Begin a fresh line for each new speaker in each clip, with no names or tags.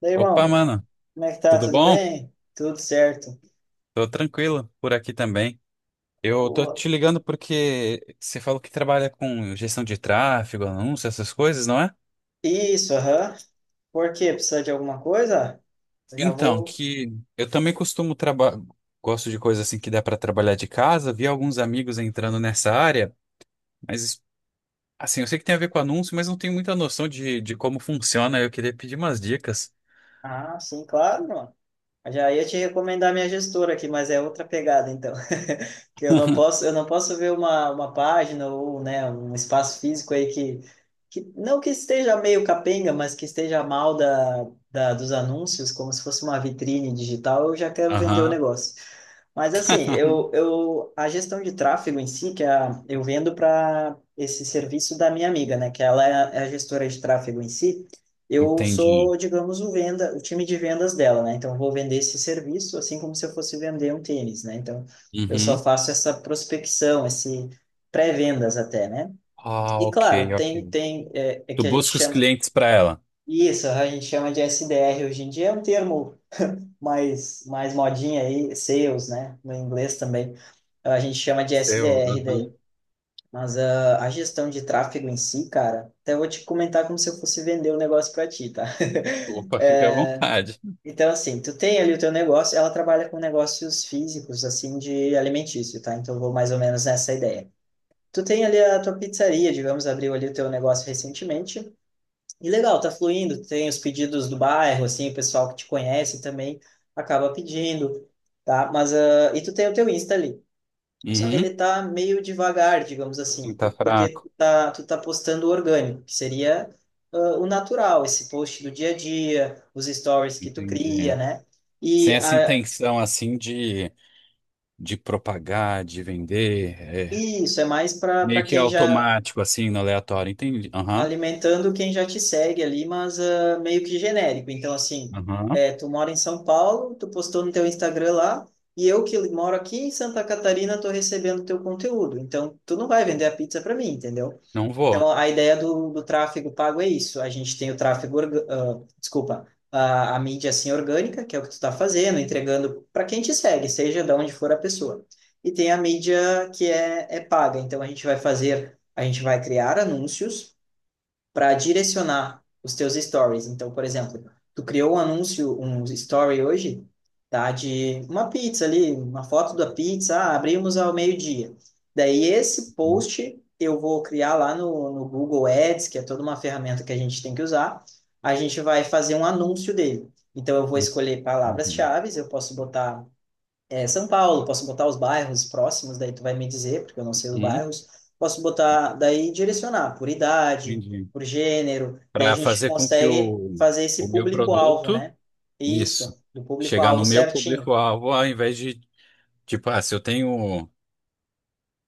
Daí, irmão,
Opa, mano,
como é que tá?
tudo
Tudo
bom?
bem? Tudo certo.
Tô tranquilo por aqui também. Eu tô
Boa.
te ligando porque você falou que trabalha com gestão de tráfego, anúncio, essas coisas, não é?
Isso, aham. Por quê? Precisa de alguma coisa? Eu já
Então,
vou.
que eu também costumo trabalhar, gosto de coisas assim que dá pra trabalhar de casa, vi alguns amigos entrando nessa área, mas assim, eu sei que tem a ver com anúncio, mas não tenho muita noção de como funciona. Eu queria pedir umas dicas.
Ah, sim, claro, mano. Eu já ia te recomendar minha gestora aqui, mas é outra pegada, então. Que eu não posso ver uma página ou, né, um espaço físico aí que não que esteja meio capenga, mas que esteja mal dos anúncios, como se fosse uma vitrine digital, eu já quero vender o
Aham,
negócio. Mas assim, eu, a gestão de tráfego em si, que é a, eu vendo para esse serviço da minha amiga, né, que ela é a gestora de tráfego em si, eu
entendi.
sou, digamos, o venda, o time de vendas dela, né? Então eu vou vender esse serviço assim como se eu fosse vender um tênis, né? Então eu só
Uhum.
faço essa prospecção, esse pré-vendas até, né?
Ah,
E
ok,
claro, tem
ok.
tem é
Tu
que a gente
busca os
chama
clientes pra ela.
isso, a gente chama de SDR hoje em dia, é um termo mais modinha aí, sales, né? No inglês também. A gente chama de
Seu?
SDR
Aham.
daí. Mas a gestão de tráfego em si, cara, até vou te comentar como se eu fosse vender o negócio para ti, tá?
Opa, fica à vontade.
Então, assim, tu tem ali o teu negócio, ela trabalha com negócios físicos, assim, de alimentício, tá? Então, eu vou mais ou menos nessa ideia. Tu tem ali a tua pizzaria, digamos, abriu ali o teu negócio recentemente, e legal, tá fluindo. Tem os pedidos do bairro, assim, o pessoal que te conhece também acaba pedindo, tá? Mas, e tu tem o teu Insta ali. Só que
Uhum.
ele tá meio devagar, digamos
Sim,
assim,
tá
porque
fraco.
tu tá postando o orgânico, que seria, o natural, esse post do dia a dia, os stories que tu cria,
Entendi.
né? E
Sem essa intenção, assim, de propagar, de vender. É
isso é mais para
meio que
quem já
automático, assim, no aleatório. Entendi. Aham.
alimentando quem já te segue ali, mas meio que genérico. Então, assim,
Aham.
é, tu mora em São Paulo, tu postou no teu Instagram lá, e eu que moro aqui em Santa Catarina tô recebendo teu conteúdo. Então, tu não vai vender a pizza para mim, entendeu?
Não
Então,
vou.
a ideia do tráfego pago é isso. A gente tem o tráfego, desculpa, a mídia assim orgânica, que é o que tu tá fazendo, entregando para quem te segue, seja de onde for a pessoa. E tem a mídia que é paga. Então, a gente vai fazer, a gente vai criar anúncios para direcionar os teus stories. Então, por exemplo, tu criou um anúncio, um story hoje, tá? De uma pizza ali, uma foto da pizza, abrimos ao meio-dia. Daí, esse
Uhum.
post eu vou criar lá no Google Ads, que é toda uma ferramenta que a gente tem que usar. A gente vai fazer um anúncio dele. Então, eu vou escolher
Uhum.
palavras-chave, eu posso botar São Paulo, posso botar os bairros próximos, daí tu vai me dizer, porque eu não sei os
Uhum.
bairros. Posso botar, daí direcionar por idade,
Entendi.
por gênero, daí a
Para
gente
fazer com que
consegue fazer
o
esse
meu
público-alvo,
produto,
né?
isso,
Isso, do
chegar
público-alvo
no meu
certinho,
público-alvo, ao invés de, tipo, ah, se eu tenho.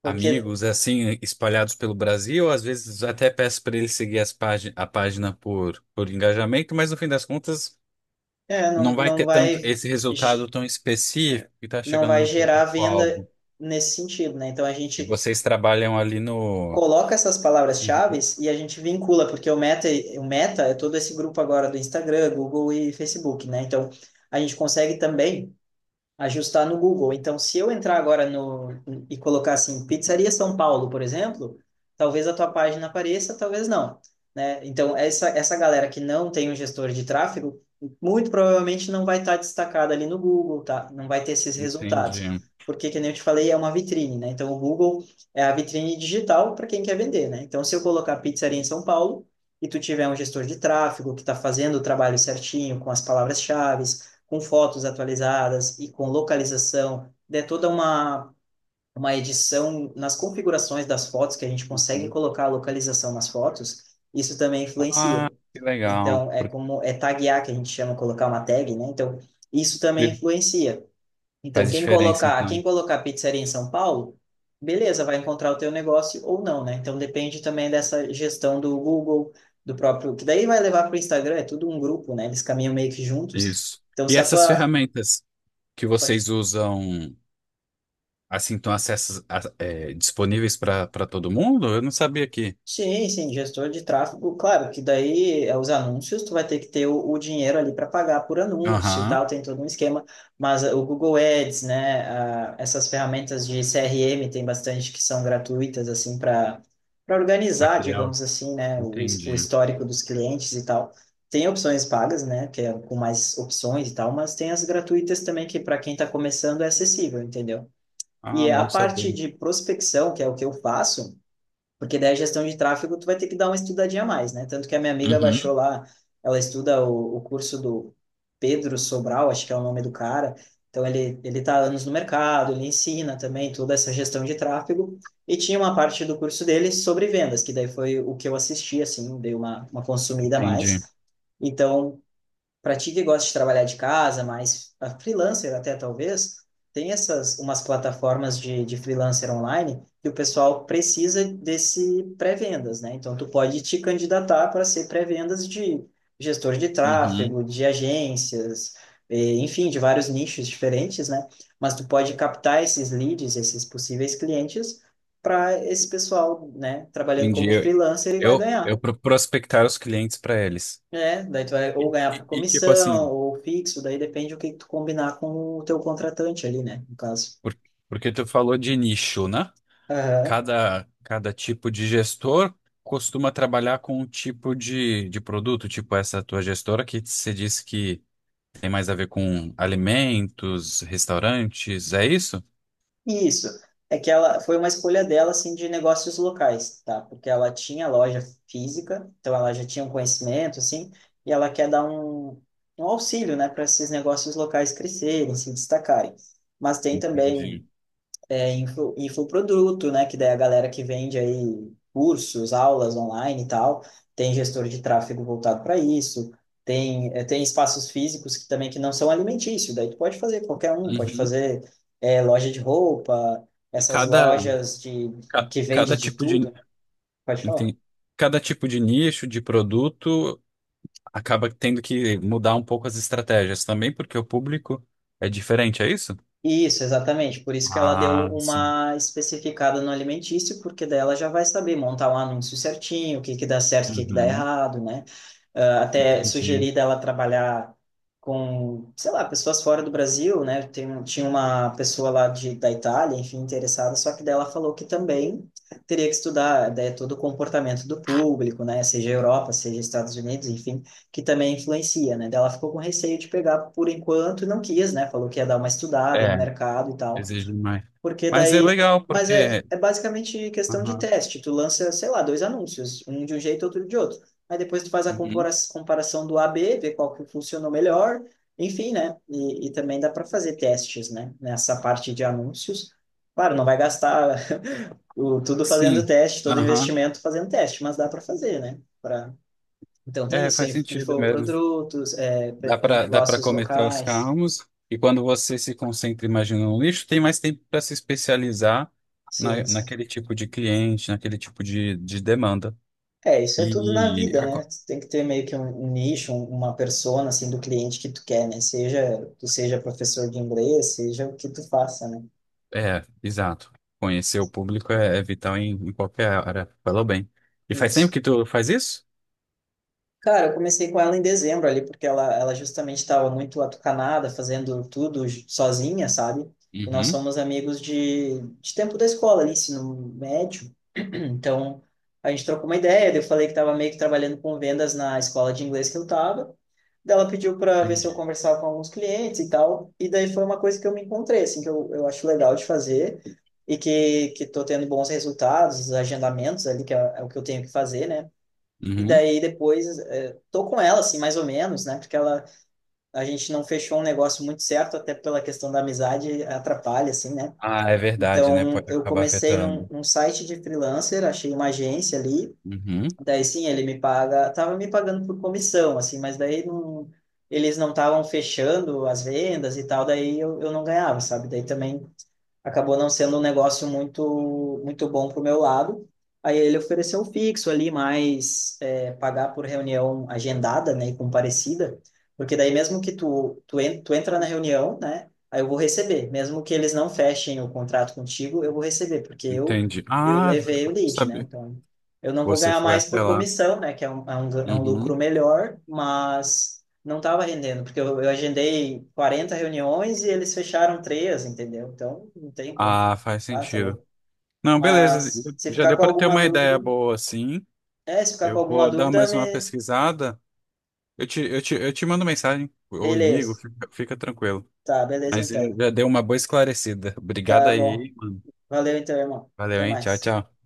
porque
Amigos é assim espalhados pelo Brasil, às vezes até peço para ele seguir as págin a página por engajamento, mas no fim das contas
não,
não vai
não
ter tanto
vai
esse resultado
ge-
tão específico que está
não
chegando
vai
no
gerar venda
público-alvo.
nesse sentido, né? Então a
E
gente
vocês trabalham ali no.
coloca essas palavras-chave
Uhum,
e a gente vincula, porque o meta é todo esse grupo agora do Instagram, Google e Facebook, né? Então a gente consegue também ajustar no Google. Então, se eu entrar agora no e colocar assim, Pizzaria São Paulo, por exemplo, talvez a tua página apareça, talvez não, né? Então, essa galera que não tem um gestor de tráfego, muito provavelmente não vai estar destacada ali no Google, tá? Não vai ter esses resultados.
entendi.
Porque, que nem eu te falei, é uma vitrine, né? Então, o Google é a vitrine digital para quem quer vender, né? Então, se eu colocar pizzaria em São Paulo e tu tiver um gestor de tráfego que está fazendo o trabalho certinho com as palavras-chave, com fotos atualizadas e com localização, é toda uma edição nas configurações das fotos, que a gente consegue
Uhum.
colocar a localização nas fotos, isso também influencia.
Ah, que legal.
Então, é como é taguear, que a gente chama colocar uma tag, né? Então, isso também
Por-
influencia. Então,
Faz diferença, então.
quem colocar pizzaria em São Paulo, beleza, vai encontrar o teu negócio ou não, né? Então, depende também dessa gestão do Google, do próprio, que daí vai levar para o Instagram, é tudo um grupo, né? Eles caminham meio que juntos.
Isso.
Então,
E
se a
essas
tua,
ferramentas que
pode-
vocês usam, assim, estão acessas, a- é, disponíveis para todo mundo? Eu não sabia que.
sim, sim, gestor de tráfego, claro que daí é os anúncios, tu vai ter que ter o dinheiro ali para pagar por anúncio e
Aham.
tal, tem todo um esquema, mas o Google Ads, né, essas ferramentas de CRM tem bastante que são gratuitas, assim, para
Pra
organizar,
criar.
digamos assim, né, o
Entendi.
histórico dos clientes e tal. Tem opções pagas, né, que é com mais opções e tal, mas tem as gratuitas também que para quem está começando é acessível, entendeu?
Ah,
E a
bom
parte
saber.
de prospecção, que é o que eu faço, porque daí a gestão de tráfego tu vai ter que dar uma estudadinha a mais, né? Tanto que a minha amiga baixou
Uhum.
lá, ela estuda o curso do Pedro Sobral, acho que é o nome do cara. Então ele tá há anos no mercado, ele ensina também toda essa gestão de tráfego e tinha uma parte do curso dele sobre vendas, que daí foi o que eu assisti assim, dei uma consumida a
Entendi.
mais. Então, para ti que gosta de trabalhar de casa, mas a freelancer até talvez, tem essas umas plataformas de freelancer online que o pessoal precisa desse pré-vendas, né? Então tu pode te candidatar para ser pré-vendas de gestor de
Uhum.
tráfego, de agências, enfim, de vários nichos diferentes, né? Mas tu pode captar esses leads, esses possíveis clientes para esse pessoal, né, trabalhando
Entendi.
como
Eu,
freelancer e vai
eu,
ganhar.
eu pro- prospectar os clientes para eles.
É, daí tu vai ou
E,
ganhar por
tipo
comissão,
assim,
ou fixo, daí depende do que tu combinar com o teu contratante ali, né, no caso.
por- porque tu falou de nicho, né?
Aham.
Cada tipo de gestor costuma trabalhar com um tipo de produto, tipo essa tua gestora que você disse que tem mais a ver com alimentos, restaurantes, é isso?
Isso. É que ela foi uma escolha dela, assim, de negócios locais, tá? Porque ela tinha loja física, então ela já tinha um conhecimento, assim, e ela quer dar um auxílio, né, para esses negócios locais crescerem, se destacarem. Mas tem também
Entendi.
infoproduto, né? Que daí a galera que vende aí cursos, aulas online e tal, tem gestor de tráfego voltado para isso, tem espaços físicos que também que não são alimentícios, daí tu pode fazer qualquer um, pode
Uhum.
fazer loja de roupa,
E
essas
cada,
lojas de, que vende
cada
de
tipo de
tudo, pode falar.
Entendi. Cada tipo de nicho, de produto, acaba tendo que mudar um pouco as estratégias também, porque o público é diferente, é isso?
Isso, exatamente. Por isso que ela deu
Ah, sim.
uma especificada no alimentício, porque daí ela já vai saber montar um anúncio certinho, o que que dá certo, o que que dá
Uhum,
errado, né? Ah, até
entendi.
sugeri dela trabalhar com, sei lá, pessoas fora do Brasil, né? Tem, tinha uma pessoa lá de, da Itália, enfim, interessada, só que daí ela falou que também teria que estudar, né, todo o comportamento do público, né? Seja Europa, seja Estados Unidos, enfim, que também influencia, né? Daí ela ficou com receio de pegar por enquanto e não quis, né? Falou que ia dar uma estudada no
É,
mercado e tal.
exige mais.
Porque
Mas é
daí.
legal,
Mas é,
porque.
é basicamente questão de
Aham,
teste. Tu lança, sei lá, dois anúncios, um de um jeito, outro de outro. Aí depois tu faz a
uhum,
comparação do A/B ver qual que funcionou melhor. Enfim, né? E também dá para fazer testes, né? Nessa parte de anúncios. Claro, não vai gastar o, tudo fazendo
sim.
teste, todo
Aham.
investimento fazendo teste, mas dá para fazer, né? Pra... Então tem
É,
isso,
faz sentido mesmo.
infoprodutos,
Dá para
negócios
cometer os
locais.
calmos, e quando você se concentra, imagina, no nicho, tem mais tempo para se especializar na,
Sim, sim.
naquele tipo de cliente, naquele tipo de demanda.
É, isso é tudo na
E
vida,
a
né?
co-
Tu tem que ter meio que um nicho, uma persona, assim, do cliente que tu quer, né? Seja tu seja professor de inglês, seja o que tu faça, né?
É, exato. Conhecer o público é, é vital em qualquer área. Falou bem. E faz tempo
Isso.
que tu faz isso?
Cara, eu comecei com ela em dezembro ali, porque ela justamente estava muito atucanada, fazendo tudo sozinha, sabe? E nós
Uhum.
somos amigos de tempo da escola ali, ensino médio. Então, a gente trocou uma ideia, daí eu falei que estava meio que trabalhando com vendas na escola de inglês que eu estava. Daí ela pediu para ver se eu
Entendi.
conversava com alguns clientes e tal. E daí foi uma coisa que eu me encontrei, assim, que eu acho legal de fazer e que tô tendo bons resultados, os agendamentos ali, que é, é o que eu tenho que fazer, né? E
Uhum.
daí depois tô com ela, assim, mais ou menos, né? Porque ela, a gente não fechou um negócio muito certo, até pela questão da amizade, atrapalha, assim, né?
Ah, é verdade, né?
Então,
Pode
eu
acabar
comecei num,
afetando.
num site de freelancer, achei uma agência ali.
Uhum.
Daí, sim, ele me paga, tava me pagando por comissão, assim, mas daí não, eles não estavam fechando as vendas e tal, daí eu não ganhava, sabe? Daí também acabou não sendo um negócio muito muito bom para o meu lado. Aí ele ofereceu um fixo ali, mas é, pagar por reunião agendada, né, e comparecida, porque daí mesmo que tu entra na reunião, né, aí eu vou receber, mesmo que eles não fechem o contrato contigo, eu vou receber, porque eu,
Entendi.
eu
Ah,
levei o lead, né,
sabe.
então eu não vou
Você
ganhar
foi
mais
até
por
lá.
comissão, né, que é um lucro
Uhum.
melhor, mas não estava rendendo, porque eu agendei 40 reuniões e eles fecharam três, entendeu? Então, não tem como.
Ah, faz
Ah, tá
sentido.
louco.
Não, beleza.
Mas se
Já
ficar
deu
com
para ter
alguma
uma
dúvida,
ideia boa, assim.
é, se ficar com
Eu
alguma
vou dar
dúvida,
mais uma
me...
pesquisada. Eu te mando mensagem. Ou ligo,
beleza.
fica tranquilo.
Tá, beleza
Mas
então.
já deu uma boa esclarecida. Obrigado
Tá bom.
aí, mano.
Valeu então, irmão.
Valeu,
Até
hein? Tchau,
mais.
tchau.